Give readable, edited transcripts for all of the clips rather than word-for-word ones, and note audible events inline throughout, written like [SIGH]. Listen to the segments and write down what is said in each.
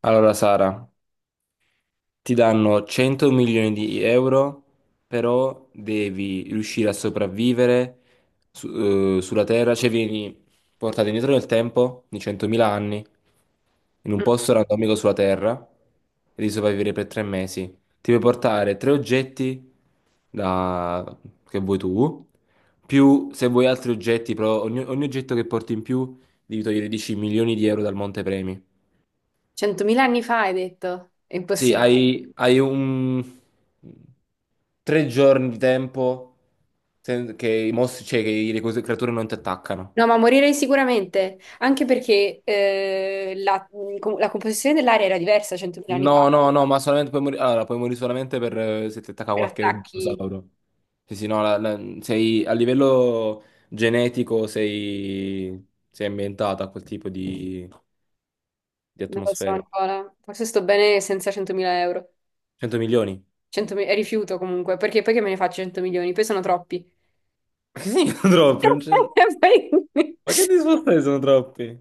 Allora, Sara, ti danno 100 milioni di euro, però devi riuscire a sopravvivere su- sulla Terra, cioè vieni portato indietro nel tempo di 100.000 anni, in un posto randomico sulla Terra, e devi sopravvivere per 3 mesi. Ti puoi portare tre oggetti da- che vuoi tu, più se vuoi altri oggetti, però ogni oggetto che porti in più devi togliere 10 milioni di euro dal montepremi. Centomila anni fa hai detto, è Sì, impossibile. hai, hai un 3 giorni di tempo che i mostri, cioè che creature non ti attaccano. No, ma morirei sicuramente, anche perché la composizione dell'aria era diversa 100.000 anni fa, No, no, no, ma solamente puoi morire. Allora, puoi morire solamente per se ti attacca per qualche attacchi, dinosauro. Sì, sì, no, sei a livello genetico sei ambientato a quel tipo di non lo so atmosfera. Nicola, forse sto bene senza 100.000 euro, 100 milioni? 100.000 e rifiuto comunque, perché poi che me ne faccio 100 milioni, poi sono troppi. Ma che significa [LAUGHS] troppi? Non c'è- [LAUGHS] Poi- Ma che discorsi sono troppi?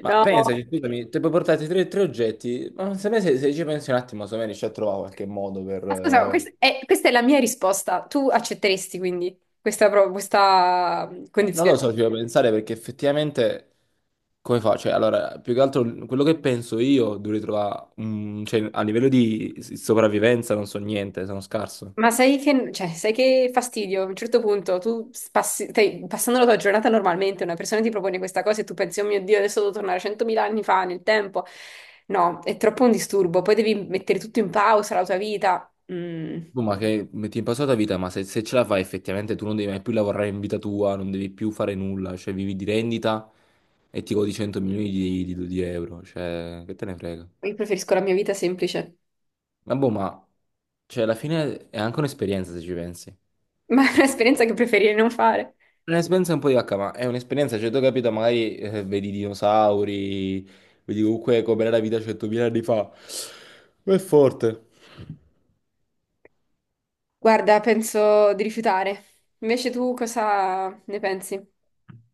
Ma No, pensaci, scusami, ti puoi portarti tre oggetti, ma se, me- se, se ci pensi un attimo, secondo me riesci a trovare qualche modo per. ma scusa, questa è la mia risposta, tu accetteresti quindi questa Non lo condizione? so, ci devo pensare perché effettivamente come fa? Cioè, allora, più che altro quello che penso io dovrei trovare. Cioè, a livello di sopravvivenza non so niente, sono scarso. Ma sai che, cioè, sai che fastidio? A un certo punto tu passi, stai passando la tua giornata normalmente, una persona ti propone questa cosa e tu pensi, oh mio Dio, adesso devo tornare 100.000 anni fa nel tempo. No, è troppo un disturbo. Poi devi mettere tutto in pausa, la tua vita. Boh, ma che metti in pausa la tua vita, ma se ce la fai effettivamente tu non devi mai più lavorare in vita tua, non devi più fare nulla, cioè vivi di rendita e ti godi 100 milioni di euro, cioè che te ne frega. Io preferisco la mia vita semplice, Ma boh, ma. Cioè, alla fine è anche un'esperienza se ci pensi. [LAUGHS] ma è un'esperienza che preferirei non fare. Un'esperienza un po' di vacca, ma è un'esperienza, cioè tu hai capito, magari vedi i dinosauri, vedi comunque com'era la vita 100.000 anni fa. Ma è forte. Guarda, penso di rifiutare. Invece tu cosa ne pensi? Stai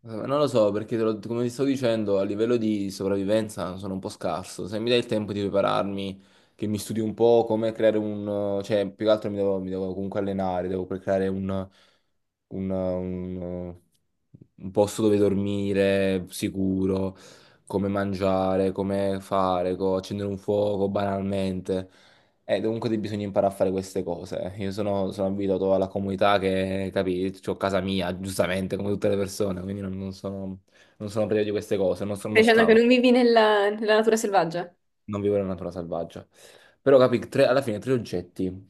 Non lo so, perché come ti sto dicendo, a livello di sopravvivenza sono un po' scarso. Se mi dai il tempo di prepararmi, che mi studi un po' come creare un. Cioè, più che altro mi devo comunque allenare, devo creare un- un- un posto dove dormire sicuro, come mangiare, come fare, accendere un fuoco banalmente. Comunque bisogna imparare a fare queste cose. Io sono abituato alla comunità che, capì, ho casa mia, giustamente, come tutte le persone, quindi non sono privo di queste cose, non sono uno dicendo che scout, non vivi nella natura selvaggia? non vivo nella natura selvaggia. Però, capì, alla fine tre oggetti.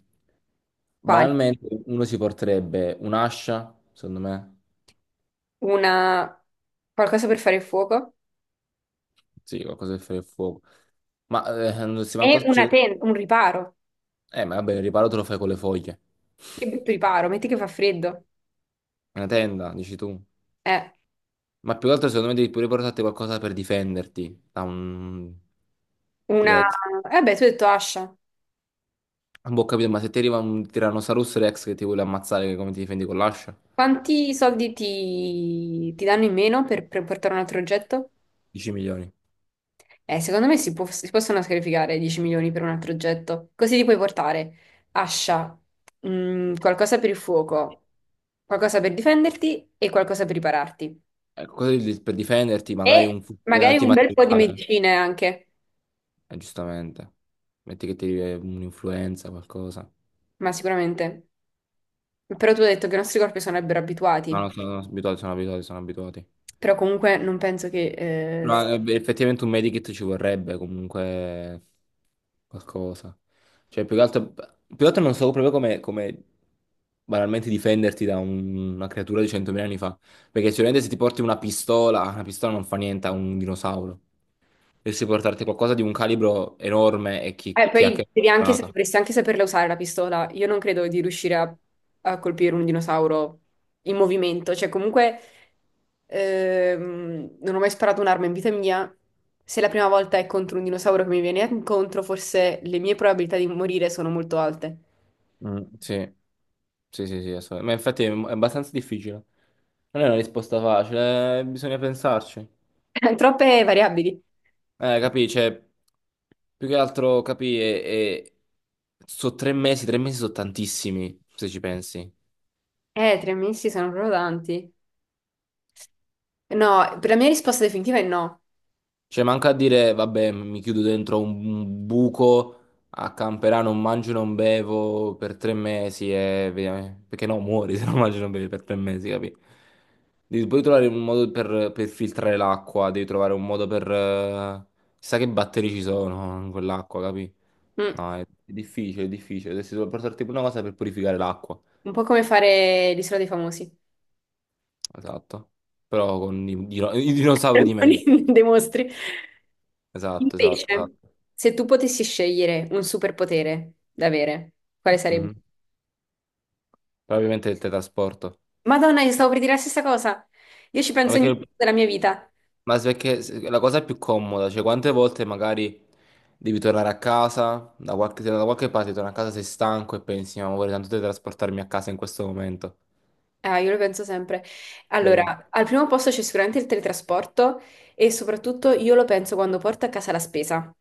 Quali? Banalmente, uno si porterebbe un'ascia, secondo me, Una... Qualcosa per fare il fuoco? sì, qualcosa per fare il fuoco. Ma non si E manco. una Cioè. tenda, un riparo. Ma vabbè, il riparo te lo fai con le foglie. Che brutto riparo, metti che fa freddo. Una tenda, dici tu. Eh, Ma più che altro secondo me devi pure portarti qualcosa per difenderti da un una... T-Rex. Eh beh, tu hai detto Ascia. Boh, ho capito, ma se ti arriva un Tyrannosaurus Rex che ti vuole ammazzare, come ti difendi con l'ascia? Quanti soldi ti danno in meno per portare un altro oggetto? 10 milioni. Secondo me si possono sacrificare 10 milioni per un altro oggetto. Così ti puoi portare Ascia, qualcosa per il fuoco, qualcosa per difenderti e qualcosa per ripararti. Ecco, cosa per difenderti? Magari E un fucile magari un bel po' di antimateriale. medicine anche, Giustamente. Metti che ti arriva un'influenza, qualcosa. ma sicuramente. Però tu hai detto che i nostri corpi sono No, no, abituati. sono abituati, sono abituati, sono abituati. Però comunque non penso che... Eh, s- No, beh, effettivamente un medikit ci vorrebbe comunque qualcosa. Cioè, più che altro non so proprio come banalmente difenderti da una creatura di 100.000 anni fa. Perché sicuramente se ti porti una pistola non fa niente a un dinosauro. E se portarti qualcosa di un calibro enorme e chi, eh, chi ha poi che. devi anche, Preparata. dovresti anche saperla usare la pistola. Io non credo di riuscire a colpire un dinosauro in movimento. Cioè, comunque, non ho mai sparato un'arma in vita mia. Se la prima volta è contro un dinosauro che mi viene incontro, forse le mie probabilità di morire sono molto alte. Mm, sì, sì, sì, sì, assolutamente. Ma infatti è abbastanza difficile. Non è una risposta facile, bisogna pensarci. [LAUGHS] Troppe variabili. Capisci? Più che altro capire, e. Sono tre mesi sono tantissimi, se ci pensi. 3 mesi sono proprio tanti. No, per la mia risposta definitiva è no. Cioè, manca a dire, vabbè, mi chiudo dentro un buco a camperà, non mangio, non bevo per 3 mesi e. Via-. Perché no, muori [LAUGHS] se non mangi, non bevi per 3 mesi, capi? Devi poi trovare un modo per filtrare l'acqua, devi trovare un modo per. Chissà che batteri ci sono in quell'acqua, capi? Mm. È difficile, è difficile. Dovresti portarti pure una cosa per purificare l'acqua. Un po' come fare l'Isola dei Famosi. Esatto. Però con i dinosauri di mezzo. [LAUGHS] Dei mostri. Esatto, esatto, Invece, esatto. se tu potessi scegliere un superpotere da avere, quale sarebbe? Mhm. Però ovviamente il teletrasporto. Madonna, io stavo per dire la stessa cosa. Io ci Ma penso ogni perché, giorno della mia vita. ma perché la cosa è più comoda, cioè quante volte magari devi tornare a casa, se da qualche parte torni a casa sei stanco e pensi, ma vorrei tanto teletrasportarmi a casa in questo momento. Ah, io lo penso sempre. Capì? Allora, al primo posto c'è sicuramente il teletrasporto e soprattutto io lo penso quando porto a casa la spesa.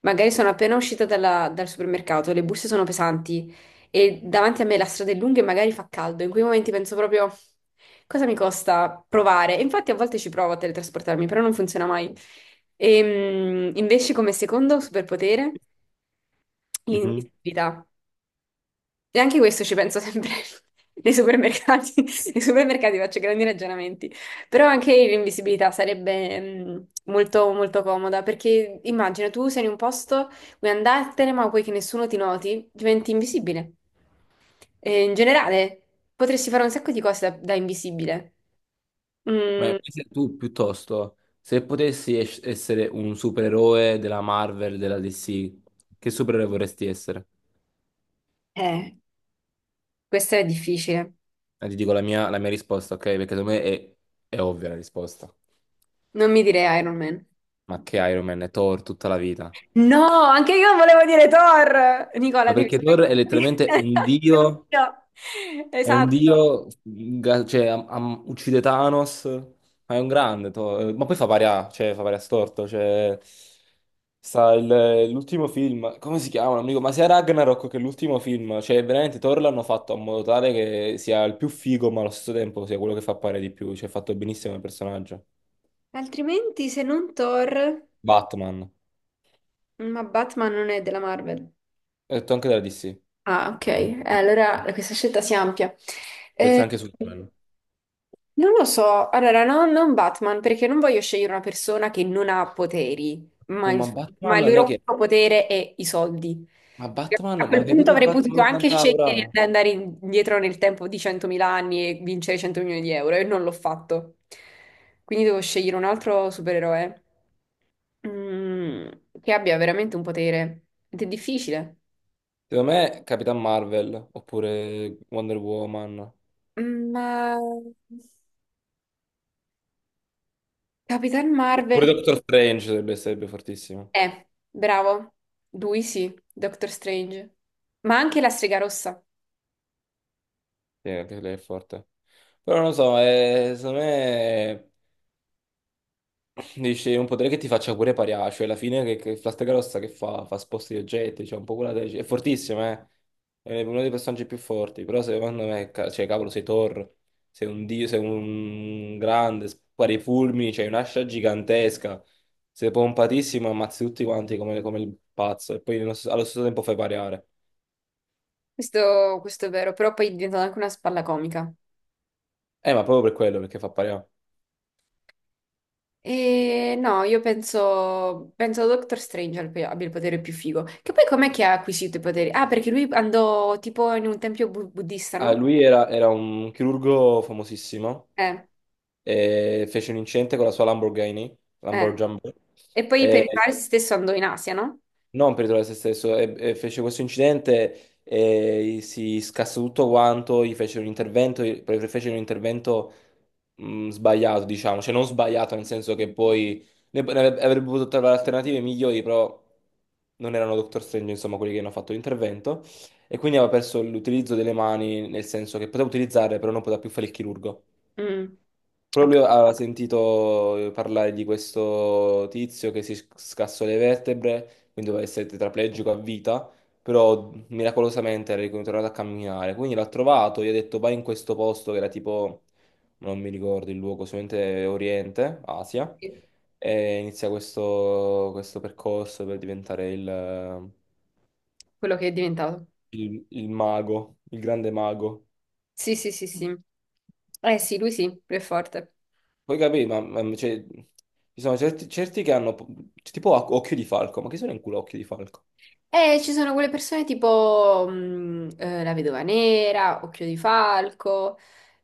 Magari sono appena uscita dal supermercato, le borse sono pesanti e davanti a me la strada è lunga e magari fa caldo. In quei momenti penso proprio cosa mi costa provare. E infatti a volte ci provo a teletrasportarmi, però non funziona mai. E, invece come secondo superpotere, Mhm. l'invisibilità. E anche questo ci penso sempre [LAUGHS] nei supermercati. [LAUGHS] Nei supermercati faccio grandi ragionamenti. Però anche l'invisibilità sarebbe molto, molto comoda perché immagina tu sei in un posto, vuoi andartene, ma vuoi che nessuno ti noti, diventi invisibile. E in generale potresti fare un sacco di cose da invisibile. Ma Mm, invece tu piuttosto, se potessi essere un supereroe della Marvel, della DC, che supereroe vorresti essere? eh, questo è difficile. Ti dico la mia risposta, ok? Perché secondo me è ovvia la risposta. Non mi direi Iron Man. Ma che Iron Man è Thor tutta la vita? No, anche io volevo dire Thor. Nicola, Ma devi perché Thor è letteralmente smettere. un [LAUGHS] È un dio, dio. è un Esatto. dio, cioè uccide Thanos, ma è un grande Thor. Ma poi fa pari a, cioè fa pari a storto, cioè. Sta l'ultimo film, come si chiama? Amico? Ma sia Ragnarok che l'ultimo film, cioè veramente Thor l'hanno fatto in modo tale che sia il più figo, ma allo stesso tempo sia quello che fa pare di più, cioè è fatto benissimo il personaggio. Altrimenti, se non Thor, Batman. ma Batman non è della Marvel. Ho detto anche della DC, Ah, ok. Allora questa scelta si ampia. pensa Eh, anche su Batman. Non lo so, allora no, non Batman, perché non voglio scegliere una persona che non ha poteri, ma Uh, il, ma ma Batman il non loro è che. unico potere è i soldi. Ma Perché Batman, a ma quel hai punto capito avrei potuto Batman anche 80 ora? scegliere di andare indietro nel tempo di 100.000 anni e vincere 100 milioni di euro, e non l'ho fatto. Quindi devo scegliere un altro supereroe mm, che abbia veramente un potere. Ed è difficile. Secondo me Capitan Marvel, oppure Wonder Woman, Mm, ma Capitan Marvel. pure Doctor Strange sarebbe fortissimo. Bravo. Lui sì, Doctor Strange. Ma anche la strega rossa. Sì, anche lei è forte. Però non lo so, secondo me. Dici, un potere che ti faccia pure parià, cioè alla fine che Flastecarossa che fa? Fa sposti di oggetti, cioè un po' quella tesi. È fortissimo, eh? È uno dei personaggi più forti, però secondo me, cioè cavolo, sei Thor, sei un dio, sei un grande, spari i fulmini, c'hai un'ascia gigantesca, sei pompatissimo, ammazzi tutti quanti come, come il pazzo e poi allo stesso tempo fai pariare. Questo è vero, però poi diventa anche una spalla comica. Ma proprio per quello, perché fa pariare. E no, io penso Doctor Strange abbia il potere più figo. Che poi com'è che ha acquisito i poteri? Ah, perché lui andò tipo in un tempio buddista, Ah, no? lui era un chirurgo famosissimo Eh, e fece un incidente con la sua Lamborghini, eh. Lamborghini, E poi per e rifare se stesso andò in Asia, no? non per ritrovare se stesso, e fece questo incidente e si scassò tutto quanto, gli fece un intervento, poi fece un intervento sbagliato, diciamo, cioè non sbagliato nel senso che poi ne- ne avrebbe avrebbe potuto trovare alternative migliori, però non erano Doctor Strange, insomma, quelli che hanno fatto l'intervento, e quindi aveva perso l'utilizzo delle mani, nel senso che poteva utilizzarle, però non poteva più fare il chirurgo. Mm, ho Proprio lui aveva sentito parlare di questo tizio che si scassò le vertebre, quindi doveva essere tetraplegico a vita, però miracolosamente era ritornato a camminare. Quindi l'ha trovato, gli ha detto vai in questo posto che era tipo, non mi ricordo il luogo, sicuramente Oriente, Asia, capito e inizia questo percorso per diventare il quello che è diventato. il- il mago, il grande mago. Sì, sì, sì, sì. Eh sì, lui è forte. Poi capì, cioè, ci sono certi che hanno tipo occhio di falco, ma chi sono in culo occhio di falco? Ci sono quelle persone tipo La Vedova Nera, Occhio di Falco,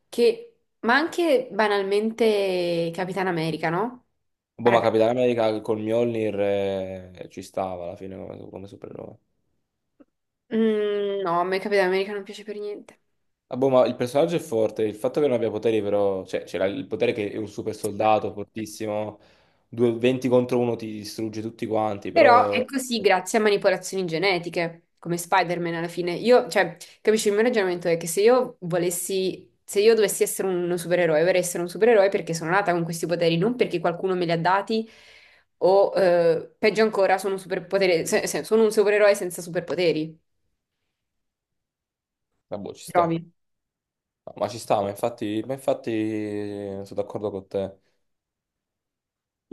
che... ma anche banalmente Capitan America, no? Boh, Ora. ma Capitano America col Mjolnir ci stava alla fine come, come supereroe. Mm, no, a me Capitan America non piace per niente. Ah, boh, ma il personaggio è forte, il fatto che non abbia poteri però, cioè c'era il potere che è un super soldato fortissimo, 20 contro uno ti distrugge tutti quanti, Però è però. così grazie a manipolazioni genetiche, come Spider-Man alla fine. Io, cioè, capisci, il mio ragionamento è che se io volessi, se io dovessi essere un supereroe, vorrei essere un supereroe perché sono nata con questi poteri, non perché qualcuno me li ha dati o, peggio ancora, sono un superpotere, sono un supereroe senza superpoteri. Ah, boh, ci sta. Trovi? Ma ci sta, ma infatti sono d'accordo con te.